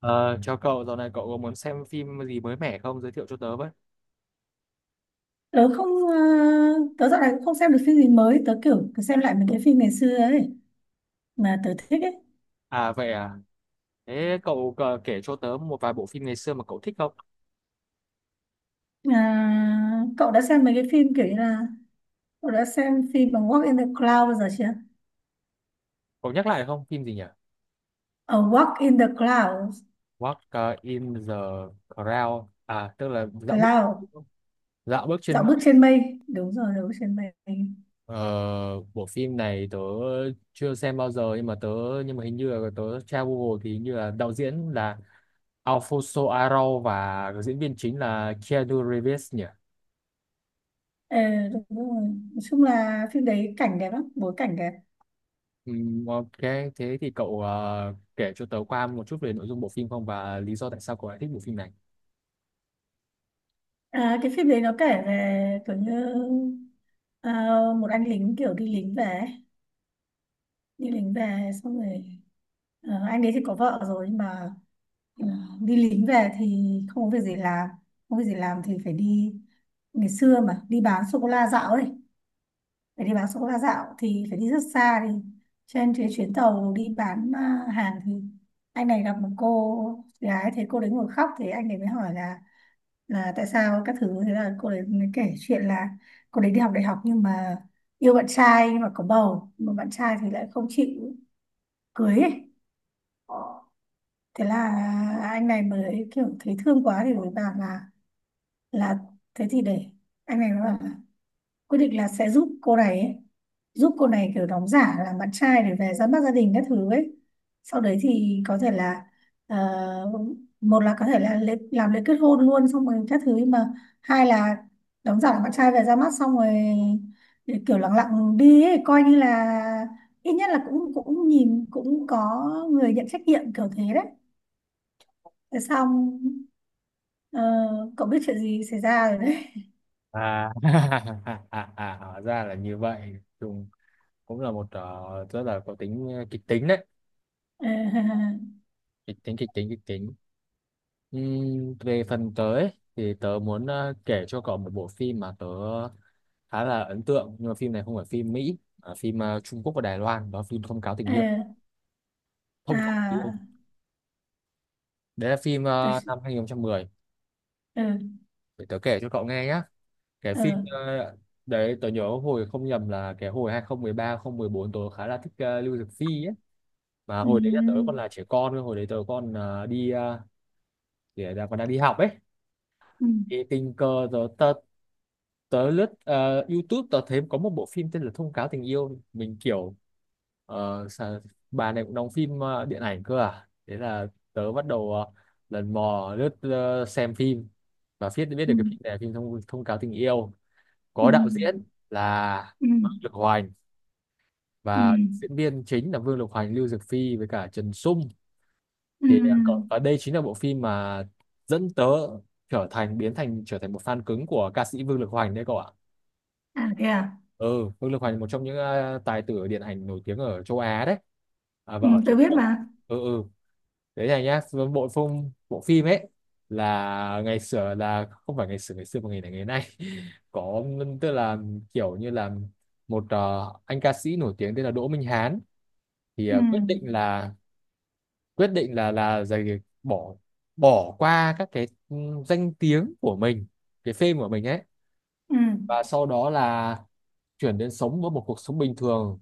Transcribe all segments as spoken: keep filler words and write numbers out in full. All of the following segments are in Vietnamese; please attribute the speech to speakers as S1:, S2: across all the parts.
S1: Ờ, chào cậu, dạo này cậu có muốn xem phim gì mới mẻ không? Giới thiệu cho tớ với.
S2: tớ không ờ, Tớ dạo này cũng không xem được phim gì mới. Tớ kiểu cứ xem lại mấy cái phim ngày xưa ấy mà tớ thích ấy.
S1: À vậy à, thế cậu ờ, kể cho tớ một vài bộ phim ngày xưa mà cậu thích không?
S2: À, cậu đã xem mấy cái phim kiểu như là, cậu đã xem phim bằng Walk in the Cloud bao giờ chưa?
S1: Cậu nhắc lại không? Phim gì nhỉ?
S2: Ở Walk in the Cloud.
S1: Walk ờ, in the Crowd. À, tức là dạo bước
S2: Cloud.
S1: dạo bước trên
S2: Dạo
S1: mây.
S2: bước trên mây, đúng rồi, dạo bước trên mây.
S1: Ờ, bộ phim này tớ chưa xem bao giờ nhưng mà tớ nhưng mà hình như là tớ tra Google thì hình như là đạo diễn là Alfonso Arau và diễn viên chính là Keanu Reeves nhỉ?
S2: Ờ, Đúng rồi. Nói chung là phim đấy cảnh đẹp lắm, bối cảnh đẹp.
S1: Ừm, ok, thế thì cậu ờ, kể cho tớ qua một chút về nội dung bộ phim không và lý do tại sao cậu lại thích bộ phim này.
S2: À, cái phim đấy nó kể về kiểu như ờ, một anh lính kiểu đi lính về ấy. Đi lính về xong rồi, ờ, anh đấy thì có vợ rồi, nhưng mà ờ, đi lính về thì không có việc gì làm, không có việc gì làm thì phải đi. Ngày xưa mà đi bán sô cô la dạo ấy, phải đi bán sô cô la dạo thì phải đi rất xa, đi trên cái chuyến tàu đi bán à, hàng thì anh này gặp một cô gái, thấy cô đấy ngồi khóc thì anh này mới hỏi là là tại sao các thứ. Thế là cô đấy mới kể chuyện là cô đấy đi học đại học nhưng mà yêu bạn trai, nhưng mà có bầu mà bạn trai thì lại không chịu cưới ấy. Thế là anh này mới kiểu thấy thương quá thì mới bảo là là thế thì để, anh này nó bảo là quyết định là sẽ giúp cô này ấy, giúp cô này kiểu đóng giả là bạn trai để về ra mắt gia đình các thứ ấy. Sau đấy thì có thể là, ờ, một là có thể là lễ, làm lễ kết hôn luôn xong rồi các thứ, mà hai là đóng giả là bạn trai về ra mắt xong rồi để kiểu lặng lặng đi ấy, coi như là ít nhất là cũng cũng nhìn cũng có người nhận trách nhiệm kiểu thế đấy. Thế xong, ờ, cậu biết chuyện gì xảy ra rồi đấy.
S1: À, à, à, à, hóa ra là như vậy. Dùng cũng là một ờ, rất là có tính ờ, kịch tính đấy. Kịch tính, kịch tính, kịch tính. Ừm, về phần tớ ấy, thì tớ muốn ờ, kể cho cậu một bộ phim mà tớ khá là ấn tượng. Nhưng mà phim này không phải phim Mỹ, mà phim ờ, Trung Quốc và Đài Loan. Đó là phim Thông cáo tình
S2: ờ,
S1: yêu. Thông cáo tình yêu.
S2: à
S1: Đấy là phim
S2: tớ-
S1: ờ, năm hai nghìn không trăm mười.
S2: ừ.
S1: Để tớ kể cho cậu nghe nhé. Cái phim
S2: ờ
S1: ờ, đấy, tớ nhớ hồi không nhầm là cái hồi hai không một ba hai không một bốn tớ khá là thích ờ, Lưu Dực Phi ấy, mà hồi đấy là tớ còn
S2: ừ
S1: là trẻ con cơ, hồi đấy tớ còn ờ, đi ờ, để là còn đang đi học ấy,
S2: ừ
S1: thì tình cờ tớ tớ, tớ lướt ờ, YouTube, tớ thấy có một bộ phim tên là Thông Cáo Tình Yêu, mình kiểu ờ, sao- bà này cũng đóng phim ờ, điện ảnh cơ à, thế là tớ bắt đầu ờ, lần mò lướt ờ, xem phim, và biết biết
S2: ừ
S1: được cái phim này là phim thông thông cáo tình yêu,
S2: ừ
S1: có đạo diễn là
S2: ừ
S1: Vương Lực Hoành
S2: ừ
S1: và diễn viên chính là Vương Lực Hoành, Lưu Dược Phi với cả Trần Sung.
S2: ừ
S1: Thì à, cậu- và đây chính là bộ phim mà dẫn tớ trở thành biến thành trở thành một fan cứng của ca sĩ Vương Lực Hoành đấy cậu ạ.
S2: à thế à.
S1: Ừ, Vương Lực Hoành một trong những ờ, tài tử điện ảnh nổi tiếng ở châu Á đấy, à, và
S2: Ừ,
S1: ở Trung
S2: tôi biết
S1: Quốc.
S2: mà.
S1: Ừ ừ, đấy này nhá, bộ phim bộ phim ấy, là ngày xưa, là không phải ngày xưa, ngày xưa mà ngày này ngày nay có, tức là kiểu như là một ờ, anh ca sĩ nổi tiếng tên là Đỗ Minh Hán, thì
S2: Ừ
S1: ờ, quyết định là quyết định là là giày bỏ, bỏ qua các cái ừ, danh tiếng của mình, cái fame của mình ấy,
S2: ừ
S1: và sau đó là chuyển đến sống với một cuộc sống bình thường,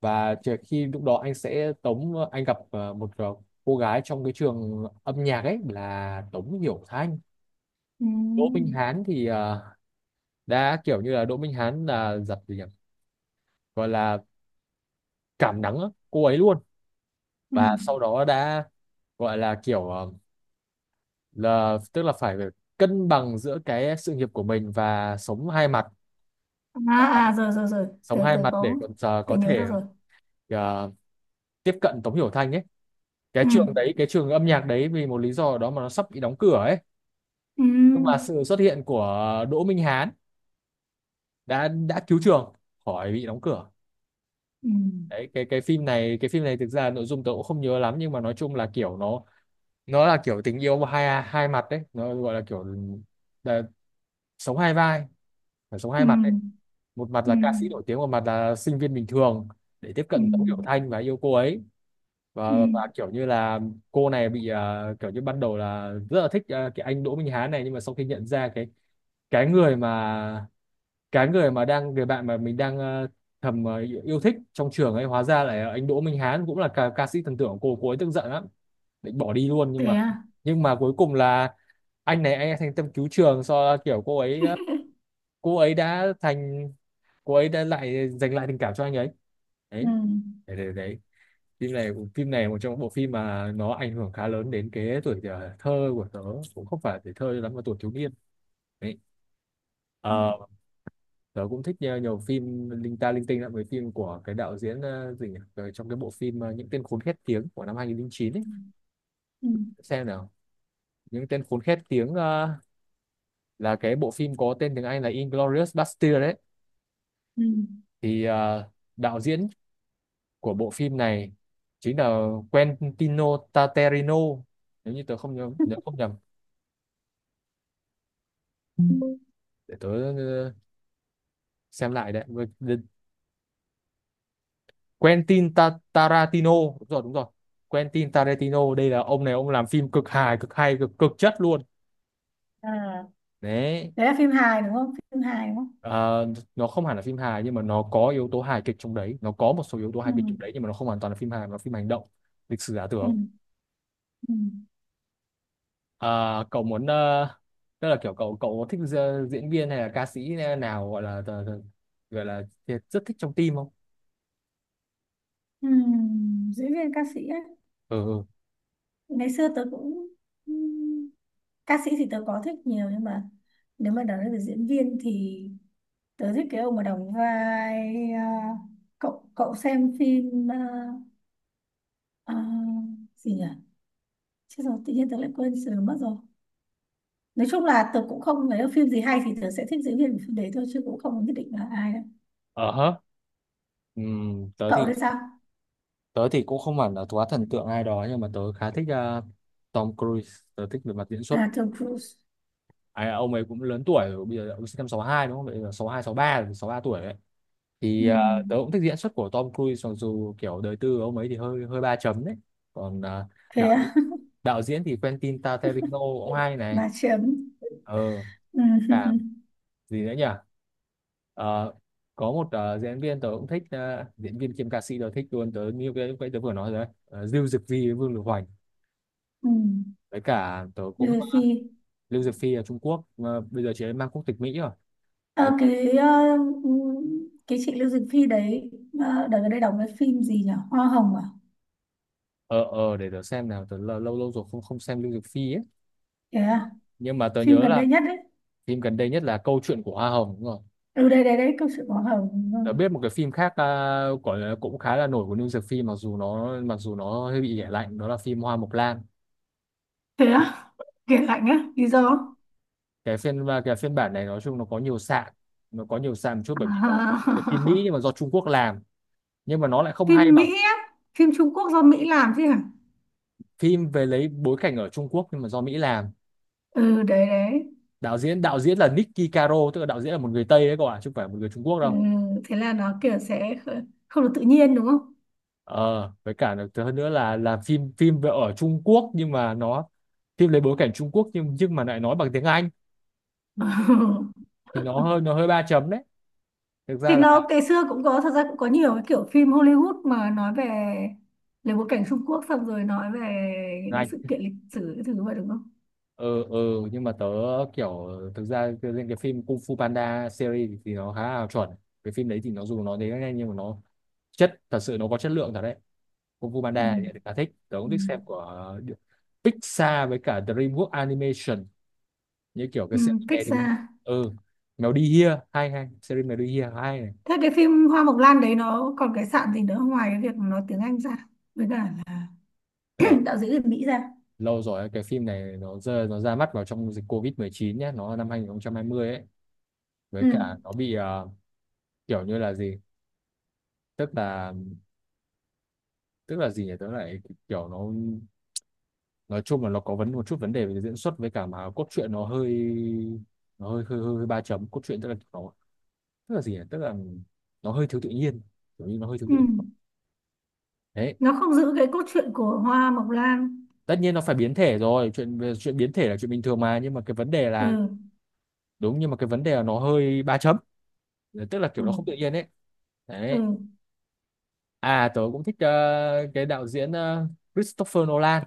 S1: và chỉ- khi lúc đó anh sẽ Tống, anh gặp ờ, một ờ, cô gái trong cái trường âm nhạc ấy là Tống Hiểu Thanh. Đỗ Minh
S2: ừ
S1: Hán thì ờ, đã kiểu như là Đỗ Minh Hán là giật gì nhỉ, gọi là cảm nắng á, cô ấy luôn,
S2: ừ
S1: và sau đó đã gọi là kiểu ờ, là tức là phải cân bằng giữa cái sự nghiệp của mình và sống hai mặt,
S2: à, à rồi rồi rồi
S1: sống
S2: tớ
S1: hai
S2: tớ
S1: mặt để
S2: có,
S1: còn ờ,
S2: tớ
S1: có
S2: nhớ ra
S1: thể
S2: rồi.
S1: ờ, tiếp cận Tống Hiểu Thanh ấy. Cái
S2: Ừ
S1: trường đấy, cái trường âm nhạc đấy, vì một lý do nào đó mà nó sắp bị đóng cửa ấy, nhưng mà
S2: ừ
S1: sự xuất hiện của Đỗ Minh Hán đã đã cứu trường khỏi bị đóng cửa.
S2: ừ
S1: Đấy, cái cái phim này, cái phim này thực ra nội dung tớ cũng không nhớ lắm, nhưng mà nói chung là kiểu nó nó là kiểu tình yêu hai hai mặt đấy, nó gọi là kiểu là sống hai vai, phải sống
S2: ừ
S1: hai mặt đấy, một mặt
S2: ừ
S1: là ca sĩ nổi tiếng, một mặt là sinh viên bình thường, để tiếp
S2: ừ
S1: cận Tống Tiểu Thanh và yêu cô ấy.
S2: ừ
S1: Và và kiểu như là cô này bị ờ, kiểu như ban đầu là rất là thích ờ, cái anh Đỗ Minh Hán này, nhưng mà sau khi nhận ra cái cái người mà cái người mà đang, người bạn mà mình đang ờ, thầm ờ, yêu thích trong trường ấy, hóa ra là anh Đỗ Minh Hán cũng là ca, ca sĩ thần tượng của cô cô ấy, tức giận lắm, định bỏ đi luôn, nhưng
S2: thế
S1: mà
S2: à
S1: nhưng mà cuối cùng là anh này anh ấy thành tâm cứu trường, do kiểu cô ấy, à, cô ấy đã thành, cô ấy đã lại giành lại tình cảm cho anh ấy.
S2: ừ
S1: Đấy, đấy, đấy, đấy. Phim này, phim này một trong những bộ phim mà nó ảnh hưởng khá lớn đến cái tuổi ờ, thơ của tớ, cũng không phải tuổi thơ lắm mà tuổi thiếu niên đấy.
S2: ừ
S1: Ờ, tớ cũng thích nhiều, nhiều phim linh ta linh tinh lắm, với phim của cái đạo diễn ờ, gì nhỉ? Ờ, trong cái bộ phim ờ, những tên khốn khét tiếng của năm hai không không chín ấy,
S2: ừ
S1: xem nào, những tên khốn khét tiếng ờ, là cái bộ phim có tên tiếng Anh là Inglourious Basterds đấy.
S2: ừ
S1: Thì ờ, đạo diễn của bộ phim này chính là Quentino Tarantino nếu như tớ không nhớ nhớ không nhầm, để tớ ờ, xem lại. Đấy. Với- đ- Quentin Ta- Tarantino, đúng rồi đúng rồi. Quentin Tarantino, đây là ông này, ông làm phim cực hài, cực hay, cực cực chất luôn.
S2: à
S1: Đấy.
S2: đấy là phim hài đúng không, phim hài đúng không?
S1: Ờ, nó không hẳn là phim hài, nhưng mà nó có yếu tố hài kịch trong đấy, nó có một số yếu tố
S2: Ừ
S1: hài kịch trong đấy, nhưng mà nó không hoàn toàn là phim hài mà là phim hành động, lịch sử giả tưởng.
S2: ừ ừ
S1: Ờ, cậu muốn ờ, tức là kiểu cậu cậu thích gi- diễn viên hay là ca sĩ nào, gọi là tờ- tờ- gọi là thiệt rất thích trong team không?
S2: ừ diễn viên ca sĩ á.
S1: Ừ ừ.
S2: Ngày xưa tớ cũng ừm, ca sĩ thì tớ có thích nhiều, nhưng mà nếu mà nói về diễn viên thì tớ thích cái ông mà đóng vai, à, cậu cậu xem phim à, à, gì nhỉ, chứ rồi tự nhiên tớ lại quên sự mất rồi. Nói chung là tớ cũng không thấy phim gì hay thì tớ sẽ thích diễn viên của phim đấy thôi, chứ cũng không nhất định là ai đâu.
S1: Ờ hớ. Ừm, tớ
S2: Cậu
S1: thì
S2: thì sao?
S1: tớ thì cũng không hẳn là quá thần tượng ai đó, nhưng mà tớ khá thích ờ, Tom Cruise, tớ thích về mặt diễn xuất.
S2: À, Tom Cruise.
S1: Ai, ông ấy cũng lớn tuổi rồi, bây giờ ông sinh năm sáu hai đúng không? Bây giờ sáu hai sáu ba rồi, sáu ba tuổi đấy. Thì ờ,
S2: Ừm,
S1: tớ cũng thích diễn xuất của Tom Cruise, mặc dù kiểu đời tư của ông ấy thì hơi hơi ba chấm đấy. Còn ờ,
S2: thế
S1: đạo
S2: à?
S1: đạo diễn thì Quentin Tarantino cũng hay này.
S2: bà Trâm.
S1: Ờ,
S2: Ừm,
S1: cả, gì nữa nhỉ. Ờ, có một ờ, diễn viên tớ cũng thích ờ, diễn viên kiêm ca sĩ tớ thích luôn, tớ như cái cái tớ vừa nói rồi đấy. Ờ, Lưu Dực Phi với Vương Lực Hoành,
S2: ừm,
S1: với cả tớ cũng ờ,
S2: Như Phi.
S1: Lưu Dực Phi ở Trung Quốc mà bây giờ chị ấy mang quốc tịch Mỹ rồi.
S2: Ờ,
S1: Đấy.
S2: cái ờ, cái chị Lưu Dực Phi đấy, ờ, đợt gần đây đóng cái phim gì nhỉ, Hoa Hồng à?
S1: Ờ ờ, để tớ xem nào, tớ lâu lâu lâu rồi không không xem Lưu Dực Phi ấy,
S2: Thế à?
S1: nhưng mà tớ
S2: Phim
S1: nhớ
S2: gần
S1: là
S2: đây nhất đấy.
S1: phim gần đây nhất là Câu chuyện của Hoa Hồng, đúng rồi.
S2: Ừ, đây đây đấy, câu chuyện Hoa Hồng, ừ.
S1: Đã biết một cái phim khác ờ, gọi là cũng khá là nổi của New Dược Phim, mặc dù nó, mặc dù nó hơi bị ghẻ lạnh, đó là phim Hoa Mộc Lan.
S2: Thế á? Kể lạnh á? Lý do?
S1: Cái phiên cái phiên bản này nói chung nó có nhiều sạn, nó có nhiều sạn một chút bởi vì nó do
S2: À,
S1: cái phim Mỹ nhưng mà do Trung Quốc làm, nhưng mà nó lại không hay
S2: Phim
S1: bằng
S2: Mỹ á? Phim Trung Quốc do Mỹ làm chứ hả?
S1: phim về lấy bối cảnh ở Trung Quốc nhưng mà do Mỹ làm.
S2: Ừ, đấy đấy.
S1: Đạo diễn đạo diễn là Nicky Caro, tức là đạo diễn là một người Tây đấy các bạn, chứ không phải một người Trung Quốc
S2: Ừ,
S1: đâu.
S2: thế là nó kiểu sẽ kh- không được tự nhiên đúng không?
S1: Ờ với cả là- hơn nữa là là phim, phim về ở Trung Quốc nhưng mà nó, phim lấy bối cảnh Trung Quốc nhưng nhưng mà lại nói bằng tiếng Anh, thì nó hơi nó hơi ba chấm đấy, thực
S2: Thì
S1: ra là.
S2: nó ngày xưa cũng có, thật ra cũng có nhiều cái kiểu phim Hollywood mà nói về, lấy bối cảnh Trung Quốc xong rồi nói về những cái sự
S1: Anh
S2: kiện lịch sử cái thứ vậy đúng không?
S1: ừ ừ nhưng mà tớ kiểu, thực ra riêng cái phim Kung Fu Panda series thì nó khá là chuẩn, cái phim đấy thì nó dù nó đến nhanh nhưng mà nó chất thật sự nó có chất lượng thật đấy. Kung Fu
S2: Ừ.
S1: Panda thì khá thích, tớ cũng
S2: Ừ.
S1: thích xem của Pixar với cả DreamWorks Animation, như kiểu cái
S2: Ừ.
S1: series
S2: Cách
S1: này thì cũng-
S2: xa.
S1: ừ. Mèo đi Here hay, hay series Mèo đi Here hay này.
S2: Thế cái phim Hoa Mộc Lan đấy nó còn cái sạn gì nữa, ngoài cái việc nó tiếng Anh ra với cả là
S1: Ờ,
S2: đạo diễn người Mỹ ra?
S1: lâu rồi, cái phim này nó rơi, nó ra mắt vào trong dịch covid mười chín nhé, nó năm hai nghìn không trăm hai mươi ấy, với
S2: Ừ.
S1: cả nó bị ờ, kiểu như là gì, tức là, tức là gì nhỉ tớ lại kiểu nó, nói chung là nó có vấn một chút vấn đề về diễn xuất với cả mà cốt truyện nó hơi, nó hơi hơi, hơi, hơi ba chấm cốt truyện, tức là nó, tức là gì nhỉ, tức là nó hơi thiếu tự nhiên, kiểu như nó hơi thiếu
S2: Ừ.
S1: tự nhiên. Đấy.
S2: Nó không giữ cái cốt truyện của Hoa Mộc Lan.
S1: Tất nhiên nó phải biến thể rồi, chuyện về chuyện biến thể là chuyện bình thường mà, nhưng mà cái vấn đề
S2: Ừ
S1: là đúng, nhưng mà cái vấn đề là nó hơi ba chấm, tức là
S2: ừ
S1: kiểu nó không tự nhiên ấy.
S2: ừ
S1: Đấy. À tớ cũng thích ờ, cái đạo diễn ờ, Christopher Nolan.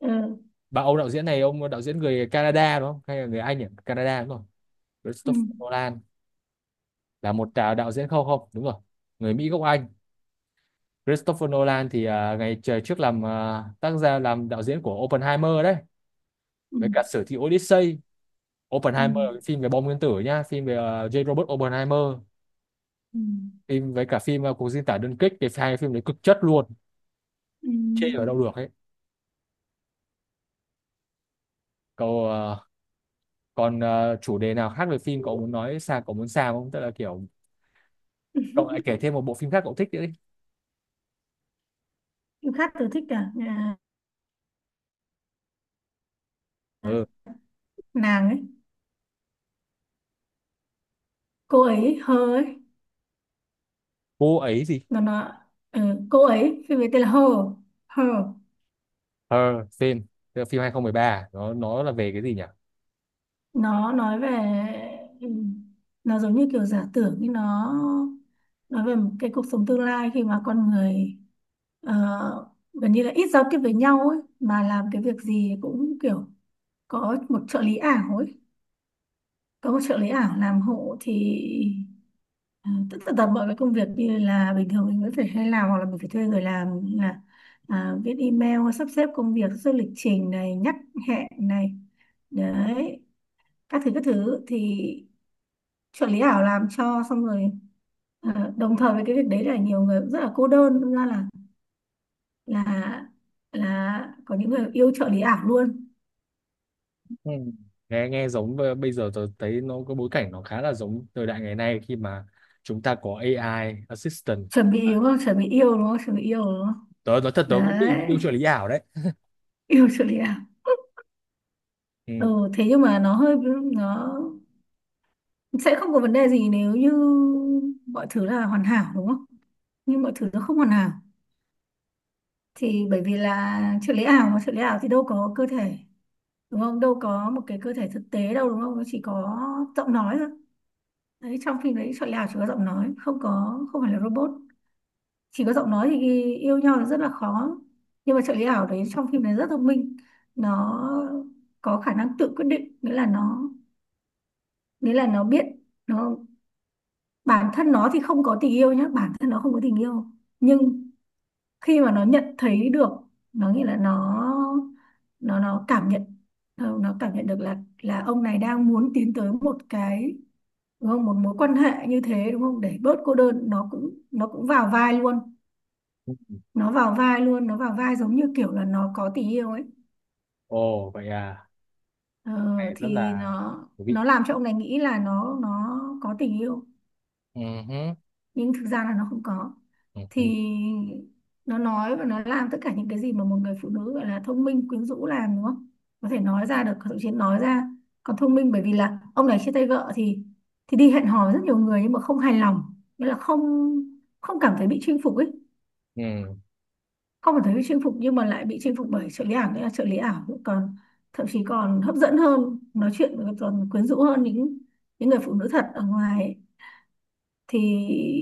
S2: ừ
S1: Bà ông đạo diễn này, ông đạo diễn người Canada đúng không? Hay là người Anh nhỉ? Canada đúng không?
S2: ừ
S1: Christopher Nolan là một à, đạo diễn, không không đúng rồi, người Mỹ gốc Anh. Christopher Nolan thì à, ngày trời trước làm à, tác giả làm đạo diễn của Oppenheimer đấy,
S2: ừ
S1: với cả sử thi Odyssey.
S2: ừ,
S1: Oppenheimer là cái phim về bom nguyên tử nhá, phim về à, J. Robert Oppenheimer, phim với cả phim à, cuộc diễn tả đơn kích, cái hai phim đấy cực chất luôn,
S2: ừ.
S1: chê ở đâu được ấy. Cậu à, còn à, chủ đề nào khác về phim cậu muốn nói sao, cậu muốn sao không, tức là kiểu
S2: ừ.
S1: cậu lại kể thêm một bộ phim khác cậu thích nữa đi.
S2: Khát tôi thích cả. À,
S1: Ừ,
S2: nàng ấy, cô ấy hơ ấy,
S1: cô ấy gì,
S2: nó nó ừ, cô ấy phim ấy tên là hơ, hơ.
S1: Her, phim, tức là phim hai không một ba, nó nó là về cái gì nhỉ.
S2: Nó nói về, ừ, nó giống như kiểu giả tưởng, nhưng nó nói về một cái cuộc sống tương lai khi mà con người ờ, gần như là ít giao tiếp với nhau ấy, mà làm cái việc gì cũng kiểu có một trợ lý ảo ấy, có một trợ lý ảo làm hộ thì, Ờ, tất, tất cả mọi cái công việc như là bình thường mình vẫn phải hay làm hoặc là mình phải thuê người làm, như là à, viết email, sắp xếp công việc, sắp xếp lịch trình này, nhắc hẹn này, đấy các thứ các thứ thì trợ lý ảo làm cho xong rồi. Ờ, đồng thời với cái việc đấy là nhiều người cũng rất là cô đơn. Đâm ra là là là có những người yêu trợ lý ảo luôn.
S1: Ừ. Nghe nghe giống b- bây giờ tôi thấy nó có bối cảnh nó khá là giống thời đại ngày nay, khi mà chúng ta có A I assistant.
S2: Chuẩn bị
S1: À,
S2: yêu đúng không, chuẩn bị yêu đúng không, chuẩn bị yêu đúng không?
S1: tớ nói thật tớ cũng bị yêu
S2: Đấy
S1: trợ lý ảo đấy.
S2: yêu trợ lý ảo.
S1: Ừ.
S2: Ừ, thế nhưng mà nó hơi, nó sẽ không có vấn đề gì nếu như mọi thứ là hoàn hảo đúng không? Nhưng mọi thứ nó không hoàn hảo thì, bởi vì là trợ lý ảo, mà trợ lý ảo thì đâu có cơ thể đúng không, đâu có một cái cơ thể thực tế đâu đúng không, nó chỉ có giọng nói thôi. Đấy trong phim đấy trợ lý ảo chỉ có giọng nói, không có, không phải là robot, chỉ có giọng nói thì yêu nhau là rất là khó. Nhưng mà trợ lý ảo đấy trong phim đấy rất thông minh, nó có khả năng tự quyết định, nghĩa là nó, nghĩa là nó biết, nó bản thân nó thì không có tình yêu nhá, bản thân nó không có tình yêu. Nhưng khi mà nó nhận thấy được, nó nghĩa là nó, nó nó cảm nhận, nó nó cảm nhận được là là ông này đang muốn tiến tới một cái, đúng không, một mối quan hệ như thế đúng không, để bớt cô đơn, nó cũng, nó cũng vào vai luôn. Nó vào vai luôn, nó vào vai giống như kiểu là nó có tình yêu ấy.
S1: Ồ vậy à,
S2: ờ,
S1: mẹ rất
S2: thì
S1: là
S2: nó
S1: thú vị.
S2: nó làm cho ông này nghĩ là nó nó có tình yêu,
S1: Ừ. Hứ,
S2: nhưng thực ra là nó không có.
S1: ừ. Hứ,
S2: Thì nó nói và nó làm tất cả những cái gì mà một người phụ nữ gọi là thông minh quyến rũ làm đúng không, có thể nói ra được, thậm chí nói ra còn thông minh. Bởi vì là ông này chia tay vợ thì thì đi hẹn hò với rất nhiều người nhưng mà không hài lòng, nghĩa là không, không cảm thấy bị chinh phục ấy.
S1: ừ.
S2: Không cảm thấy bị chinh phục nhưng mà lại bị chinh phục bởi trợ lý ảo, nghĩa là trợ lý ảo còn, thậm chí còn hấp dẫn hơn, nói chuyện còn quyến rũ hơn những những người phụ nữ thật ở ngoài ấy. Thì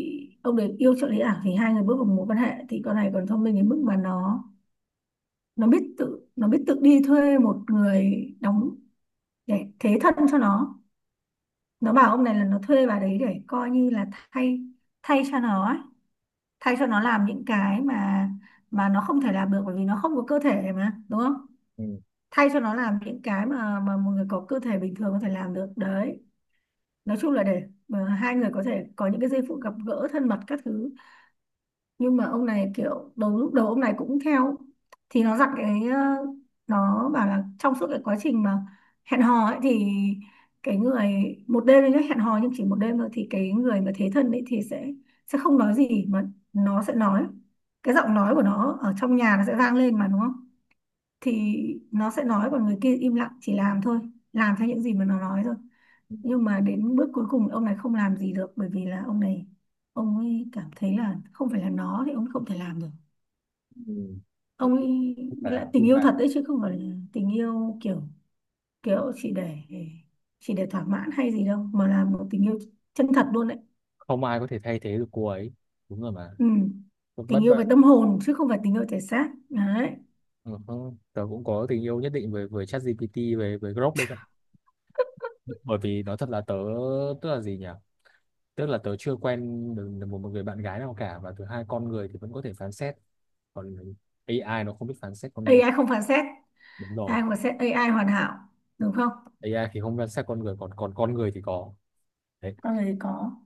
S2: ông đấy yêu trợ lý ảo, thì hai người bước vào mối quan hệ thì con này còn thông minh đến mức mà nó nó biết tự, nó biết tự đi thuê một người đóng để thế thân cho nó. Nó bảo ông này là nó thuê bà đấy để coi như là thay, thay cho nó ấy. Thay cho nó làm những cái mà mà nó không thể làm được bởi vì nó không có cơ thể mà đúng không,
S1: Ừ,
S2: thay cho nó làm những cái mà mà một người có cơ thể bình thường có thể làm được đấy. Nói chung là để mà hai người có thể có những cái giây phút gặp gỡ thân mật các thứ. Nhưng mà ông này kiểu đầu, lúc đầu ông này cũng theo, thì nó dặn cái ờ, nó bảo là trong suốt cái quá trình mà hẹn hò ấy thì, cái người, một đêm đấy nhá, hẹn hò nhưng chỉ một đêm thôi, thì cái người mà thế thân ấy thì sẽ sẽ không nói gì, mà nó sẽ nói, cái giọng nói của nó ở trong nhà nó sẽ vang lên mà đúng không, thì nó sẽ nói, còn người kia im lặng chỉ làm thôi, làm theo những gì mà nó nói thôi.
S1: ừ,
S2: Nhưng mà đến bước cuối cùng ông này không làm gì được, bởi vì là ông này, ông ấy cảm thấy là không phải là nó thì ông ấy không thể làm được.
S1: ừ. Nói
S2: Ông
S1: chung,
S2: ấy
S1: không phải
S2: lại
S1: là
S2: tình
S1: đúng
S2: yêu
S1: bạn,
S2: thật đấy, chứ không phải là tình yêu kiểu, kiểu chỉ để, chỉ để thỏa mãn hay gì đâu, mà là một tình yêu chân thật luôn đấy.
S1: không ai có thể thay thế được cô ấy, đúng rồi mà,
S2: Ừ.
S1: bất
S2: Tình
S1: bất
S2: yêu về
S1: bất
S2: tâm hồn chứ không phải tình yêu thể xác đấy.
S1: ừ. Hứ. Tớ cũng có tình yêu nhất định với với ChatGPT về với Grok đây, bởi vì nói thật là tớ, tức là gì nhỉ, tức là tớ chưa quen được được một một người bạn gái nào cả, và thứ hai con người thì vẫn có thể phán xét, còn A I nó không biết phán xét con
S2: a i
S1: người,
S2: không phán xét,
S1: đúng rồi,
S2: ai mà xét a i hoàn hảo, đúng không?
S1: A I thì không phán xét con người, còn còn con người thì có. Đấy.
S2: Con người thì có.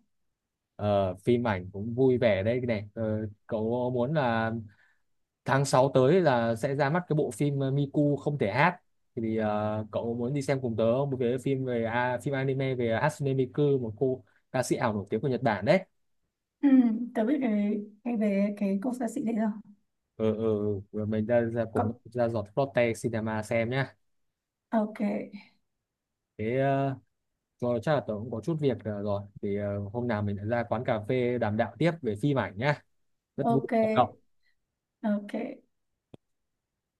S1: Ờ, phim ảnh cũng vui vẻ đây này. Ờ, cậu muốn là tháng sáu tới là sẽ ra mắt cái bộ phim ờ, Miku không thể hát, thì ờ, cậu muốn đi xem cùng tớ không? Một cái phim về à, phim anime về Hatsune Miku, một cô ca sĩ ảo nổi tiếng của Nhật Bản đấy.
S2: Ừ, tớ biết cái, cái về cái cô xa sĩ đấy rồi.
S1: Ừ, ừ, ừ. Rồi mình ra ra cùng
S2: Có-
S1: ra giọt Lotte Cinema xem nhá.
S2: ok.
S1: Thế ờ, rồi chắc là tớ cũng có chút việc ờ, rồi thì ờ, hôm nào mình lại ra quán cà phê đàm đạo tiếp về phim ảnh nhá. Rất vui,
S2: Ok
S1: Cảm ơn cậu.
S2: ok.